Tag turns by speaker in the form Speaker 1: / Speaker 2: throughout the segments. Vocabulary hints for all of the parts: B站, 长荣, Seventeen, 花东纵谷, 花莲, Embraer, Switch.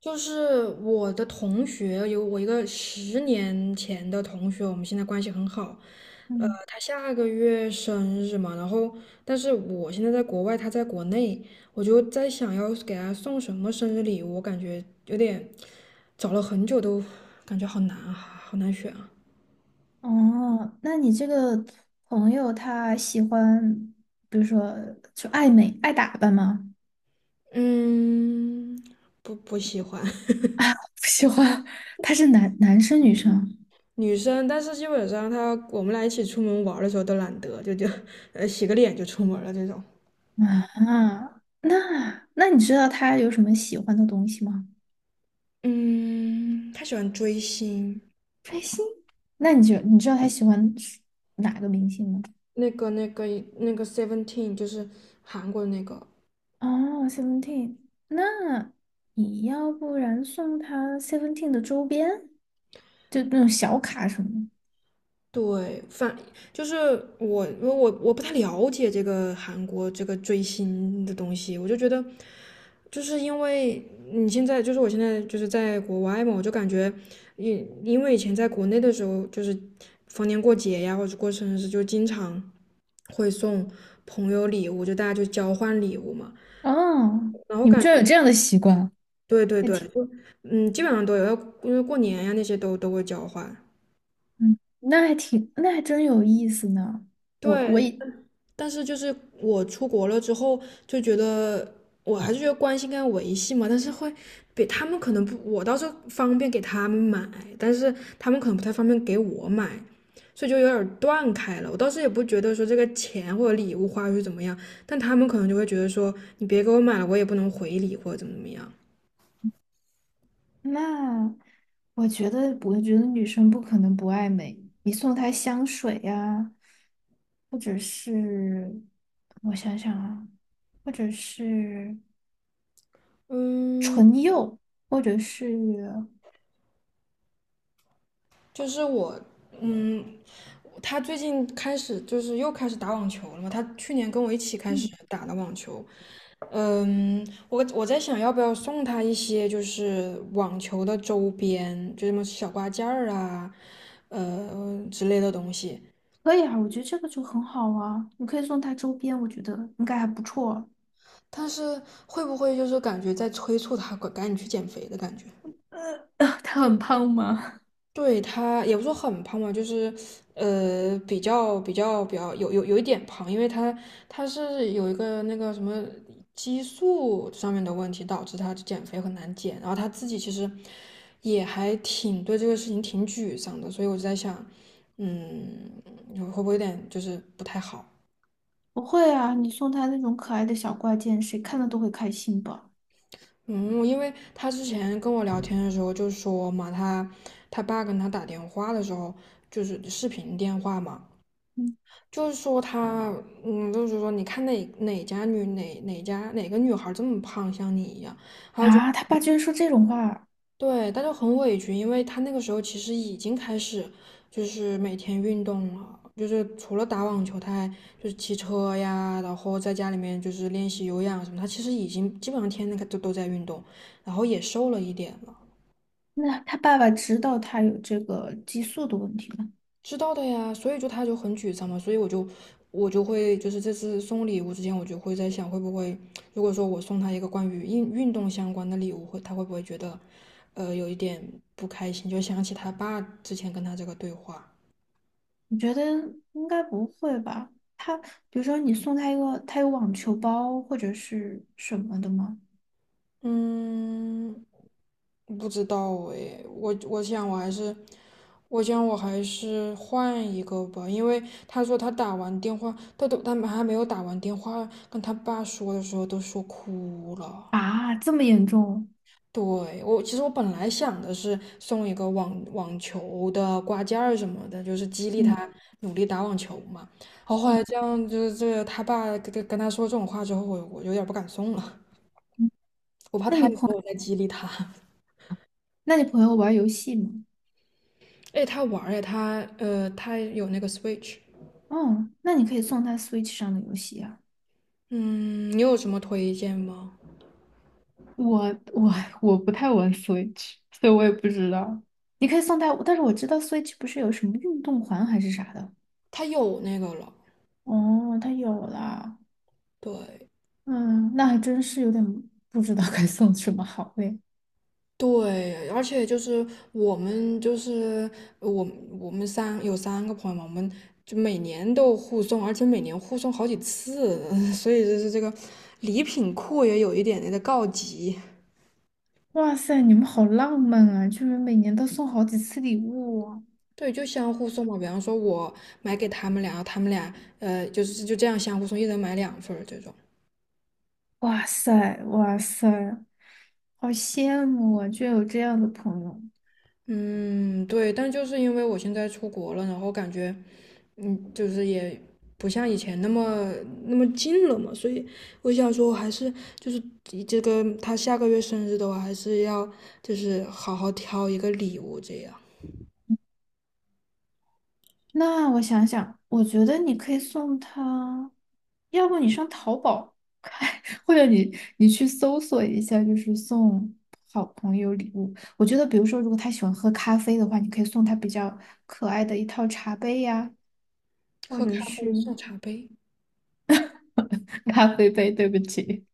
Speaker 1: 就是我的同学，有我一个10年前的同学，我们现在关系很好。
Speaker 2: 嗯，
Speaker 1: 他下个月生日嘛，然后但是我现在在国外，他在国内，我就在想要给他送什么生日礼物，我感觉有点，找了很久都感觉好难啊，好难选啊。
Speaker 2: 哦，那你这个朋友他喜欢，比如说就爱美、爱打扮吗？
Speaker 1: 嗯，不喜欢。
Speaker 2: 不喜欢，他是男生女生
Speaker 1: 女生，但是基本上她我们俩一起出门玩儿的时候都懒得，就洗个脸就出门了这种。
Speaker 2: 啊？那你知道他有什么喜欢的东西吗？
Speaker 1: 嗯，他喜欢追星，
Speaker 2: 追星？那你知道他喜欢哪个明星吗？
Speaker 1: 那个、那个、那个 Seventeen 就是韩国的那个。
Speaker 2: 哦，Seventeen，那你要不然送他 Seventeen 的周边，就那种小卡什么的。
Speaker 1: 对，就是我，因为我不太了解这个韩国这个追星的东西，我就觉得，就是因为你现在就是我现在就是在国外嘛，我就感觉，因为以前在国内的时候，就是逢年过节呀，或者过生日，就经常会送朋友礼物，就大家就交换礼物嘛，
Speaker 2: 哦，
Speaker 1: 然后
Speaker 2: 你们
Speaker 1: 感
Speaker 2: 居然
Speaker 1: 觉，
Speaker 2: 有这样的习惯。
Speaker 1: 对对
Speaker 2: 那
Speaker 1: 对。
Speaker 2: 挺。
Speaker 1: 嗯，基本上都有，要因为过年呀、那些都会交换。
Speaker 2: 嗯，那还真有意思呢。我我
Speaker 1: 对，
Speaker 2: 也
Speaker 1: 但是就是我出国了之后，就觉得我还是觉得关系应该维系嘛，但是会比他们可能不，我倒是方便给他们买，但是他们可能不太方便给我买，所以就有点儿断开了。我倒是也不觉得说这个钱或者礼物花出去怎么样，但他们可能就会觉得说你别给我买了，我也不能回礼或者怎么怎么样。
Speaker 2: 那，我觉得女生不可能不爱美。你送她香水呀、或者是我想想啊，或者是
Speaker 1: 嗯，
Speaker 2: 唇釉，或者是
Speaker 1: 就是我，嗯，他最近开始就是又开始打网球了嘛。他去年跟我一起开始
Speaker 2: 嗯，
Speaker 1: 打的网球，嗯，我在想要不要送他一些就是网球的周边，就什么小挂件儿啊，之类的东西。
Speaker 2: 可以啊，我觉得这个就很好啊。你可以送她周边，我觉得应该还不错。
Speaker 1: 但是会不会就是感觉在催促他赶紧去减肥的感觉？
Speaker 2: 她很胖吗？
Speaker 1: 对他也不说很胖吧，就是比较有一点胖，因为他是有一个那个什么激素上面的问题，导致他减肥很难减。然后他自己其实也还挺对这个事情挺沮丧的，所以我就在想，嗯，会不会有点就是不太好？
Speaker 2: 不会啊，你送她那种可爱的小挂件，谁看了都会开心吧。
Speaker 1: 嗯，因为他之前跟我聊天的时候就说嘛，他他爸跟他打电话的时候就是视频电话嘛。
Speaker 2: 嗯。
Speaker 1: 就是说他，嗯，就是说你看哪哪家女哪哪家哪个女孩这么胖，像你一样，
Speaker 2: 啊，他爸居然说这种话，
Speaker 1: 对，他就很委屈，因为他那个时候其实已经开始就是每天运动了，就是除了打网球，他还就是骑车呀，然后在家里面就是练习有氧什么，他其实已经基本上天天都在运动，然后也瘦了一点了。
Speaker 2: 那他爸爸知道他有这个激素的问题吗？
Speaker 1: 知道的呀，所以就他就很沮丧嘛，所以我就会就是这次送礼物之前，我就会在想会不会，如果说我送他一个关于运动相关的礼物，会他会不会觉得，有一点不开心，就想起他爸之前跟他这个对话。
Speaker 2: 我觉得应该不会吧。他比如说你送他一个，他有网球包或者是什么的吗？
Speaker 1: 嗯，不知道诶，我想我还是，我想我还是换一个吧，因为他说他打完电话，他还没有打完电话跟他爸说的时候都说哭了。
Speaker 2: 啊，这么严重？
Speaker 1: 对，我其实我本来想的是送一个网球的挂件儿什么的，就是激励他
Speaker 2: 嗯，
Speaker 1: 努力打网球嘛。然后后来这样，就是这个他爸跟他说这种话之后，我有点不敢送了，
Speaker 2: 嗯
Speaker 1: 我怕
Speaker 2: 那
Speaker 1: 他
Speaker 2: 你
Speaker 1: 以
Speaker 2: 朋
Speaker 1: 后我再激励他。
Speaker 2: 那你朋友玩游戏吗？
Speaker 1: 哎，他玩儿。哎，他有那个 Switch。
Speaker 2: 哦，那你可以送他 Switch 上的游戏啊。
Speaker 1: 嗯，你有什么推荐吗？
Speaker 2: 我我我不太玩 Switch，所以我也不知道。你可以送他，但是我知道 Switch 不是有什么运动环还是啥的。
Speaker 1: 他有那个了，
Speaker 2: 哦，他有了。
Speaker 1: 对。
Speaker 2: 嗯，那还真是有点不知道该送什么好嘞。
Speaker 1: 对，而且就是我们就是我我们三有3个朋友嘛，我们就每年都互送，而且每年互送好几次，所以就是这个礼品库也有一点点的告急。
Speaker 2: 哇塞，你们好浪漫啊，居然每年都送好几次礼物啊！
Speaker 1: 对，就相互送嘛，比方说我买给他们俩，他们俩就是就这样相互送，一人买2份儿这种。
Speaker 2: 哇塞，哇塞，好羡慕啊，居然有这样的朋友。
Speaker 1: 嗯，对，但就是因为我现在出国了，然后感觉嗯，就是也不像以前那么近了嘛，所以我想说，我还是就是以这个他下个月生日的话，还是要就是好好挑一个礼物，这样。
Speaker 2: 那我想想，我觉得你可以送他，要不你上淘宝看，或者你去搜索一下，就是送好朋友礼物。我觉得，比如说，如果他喜欢喝咖啡的话，你可以送他比较可爱的一套茶杯呀、或
Speaker 1: 喝咖
Speaker 2: 者
Speaker 1: 啡
Speaker 2: 是
Speaker 1: 送茶杯。
Speaker 2: 咖啡杯，对不起。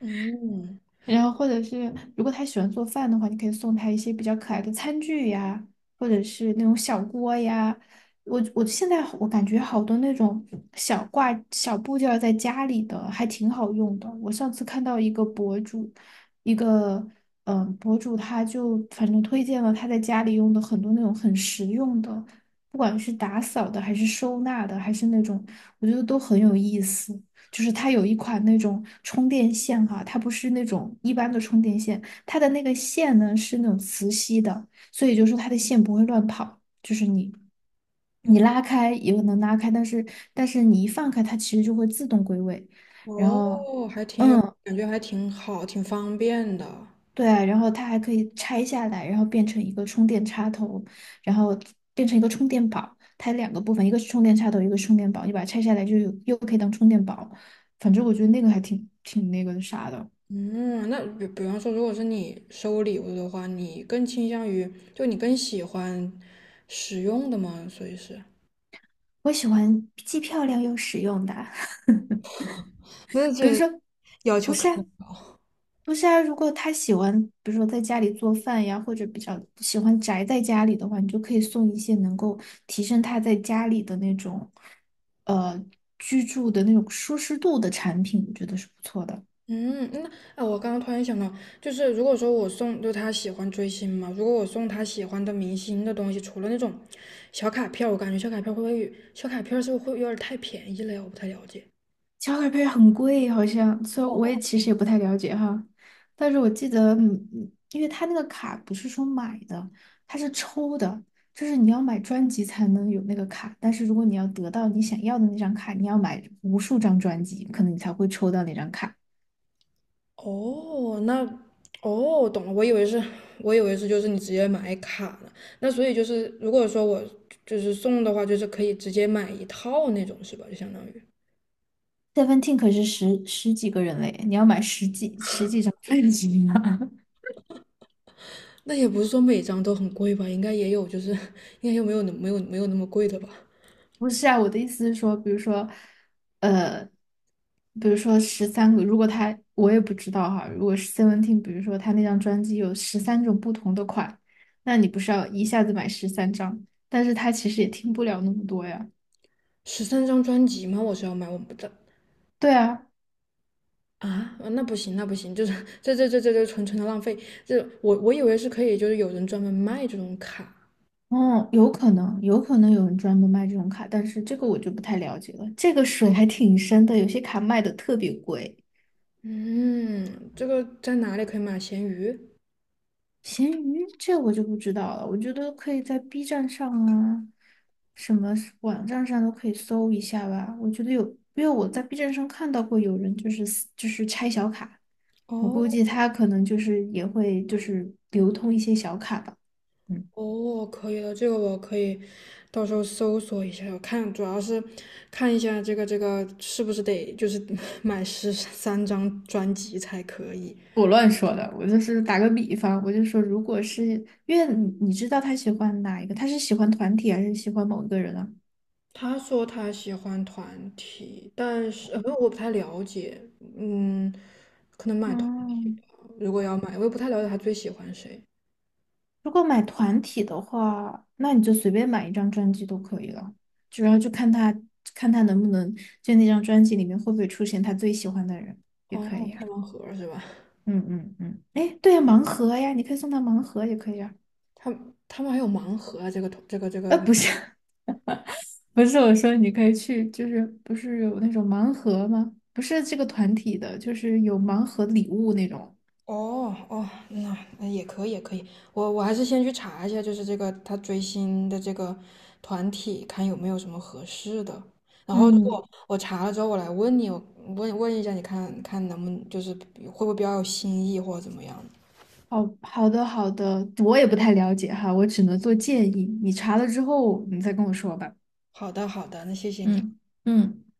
Speaker 1: 嗯，
Speaker 2: 然后或者是如果他喜欢做饭的话，你可以送他一些比较可爱的餐具呀，或者是那种小锅呀。我现在我感觉好多那种小部件儿在家里的还挺好用的。我上次看到一个博主，一个他就反正推荐了他在家里用的很多那种很实用的，不管是打扫的还是收纳的，还是那种我觉得都很有意思。就是它有一款那种充电线哈、它不是那种一般的充电线，它的那个线呢是那种磁吸的，所以就是它的线不会乱跑，就是你拉开也能拉开，但是你一放开它其实就会自动归位，然
Speaker 1: 哦，
Speaker 2: 后
Speaker 1: 还挺有
Speaker 2: 嗯
Speaker 1: 感觉，还挺好，挺方便的。
Speaker 2: 对啊，然后它还可以拆下来，然后变成一个充电插头，然后变成一个充电宝，它有两个部分，一个是充电插头，一个是充电宝，你把它拆下来就又可以当充电宝，反正我觉得那个还挺那个啥的。
Speaker 1: 嗯，那比方说，如果是你收礼物的话，你更倾向于就你更喜欢实用的吗？所以是，
Speaker 2: 我喜欢既漂亮又实用的，
Speaker 1: 那
Speaker 2: 比如
Speaker 1: 这
Speaker 2: 说，
Speaker 1: 要
Speaker 2: 不
Speaker 1: 求可。
Speaker 2: 是啊，不是啊，如果他喜欢，比如说在家里做饭呀，或者比较喜欢宅在家里的话，你就可以送一些能够提升他在家里的那种，呃，居住的那种舒适度的产品，我觉得是不错的。
Speaker 1: 嗯，那啊，我刚刚突然想到，就是如果说我送，就他喜欢追星嘛，如果我送他喜欢的明星的东西，除了那种小卡片儿，我感觉小卡片儿会不会小卡片儿是不是会有点儿太便宜了呀？我不太了解。
Speaker 2: 小卡力配很贵，好像，所以我也其实也不太了解哈。但是我记得，嗯，因为他那个卡不是说买的，它是抽的，就是你要买专辑才能有那个卡。但是如果你要得到你想要的那张卡，你要买无数张专辑，可能你才会抽到那张卡。
Speaker 1: 哦，那哦，懂了，我以为是，我以为是就是你直接买卡呢。那所以就是，如果说我就是送的话，就是可以直接买一套那种是吧？就相当于，
Speaker 2: Seventeen 可是十几个人嘞，你要买十几张专辑呢。
Speaker 1: 那也不是说每张都很贵吧，应该也有就是，应该又没有那么贵的吧。
Speaker 2: 不是啊，我的意思是说，比如说，呃，十三个，如果他我也不知道哈，如果是 Seventeen，比如说他那张专辑有13种不同的款，那你不是要一下子买13张？但是他其实也听不了那么多呀。
Speaker 1: 十三张专辑吗？我是要买，我不知道。
Speaker 2: 对啊，
Speaker 1: 啊，那不行，那不行，就是这纯纯的浪费。这我以为是可以，就是有人专门卖这种卡。
Speaker 2: 嗯，有可能有人专门卖这种卡，但是这个我就不太了解了。这个水还挺深的，有些卡卖的特别贵。
Speaker 1: 嗯，这个在哪里可以买？闲鱼？
Speaker 2: 闲鱼这我就不知道了，我觉得可以在 B 站上啊，什么是网站上都可以搜一下吧。我觉得有，因为我在 B 站上看到过有人就是撕就是拆小卡，我估
Speaker 1: 哦
Speaker 2: 计他可能就是也会就是流通一些小卡吧。嗯，
Speaker 1: 哦，可以的，这个我可以到时候搜索一下，我看主要是看一下这个这个是不是得就是 买13张专辑才可以。
Speaker 2: 我乱说的，我就是打个比方，我就说，如果是因为你知道他喜欢哪一个，他是喜欢团体还是喜欢某一个人啊？
Speaker 1: 他说他喜欢团体，但是我不太了解，嗯，可能买团体吧。
Speaker 2: 嗯。
Speaker 1: 如果要买，我也不太了解他最喜欢谁。
Speaker 2: 如果买团体的话，那你就随便买一张专辑都可以了，主要就看他能不能就那张专辑里面会不会出现他最喜欢的人，也
Speaker 1: 哦，
Speaker 2: 可以啊。
Speaker 1: 开盲盒是吧？
Speaker 2: 嗯嗯嗯，哎，对呀，盲盒呀，你可以送他盲盒也可以啊。
Speaker 1: 他他们还有盲盒啊，这个这个这个。
Speaker 2: 不是 不是，我说你可以去，就是不是有那种盲盒吗？不是这个团体的，就是有盲盒礼物那种。
Speaker 1: 哦哦，那也可以也可以，我还是先去查一下，就是这个他追星的这个团体，看有没有什么合适的。然后如
Speaker 2: 嗯，
Speaker 1: 果我查了之后，我来问你，我一下，你看看能不能就是会不会比较有新意或者怎么样？
Speaker 2: 好的，我也不太了解哈，我只能做建议。你查了之后，你再跟我说吧。
Speaker 1: 好的，好的，那谢谢你。
Speaker 2: 嗯嗯。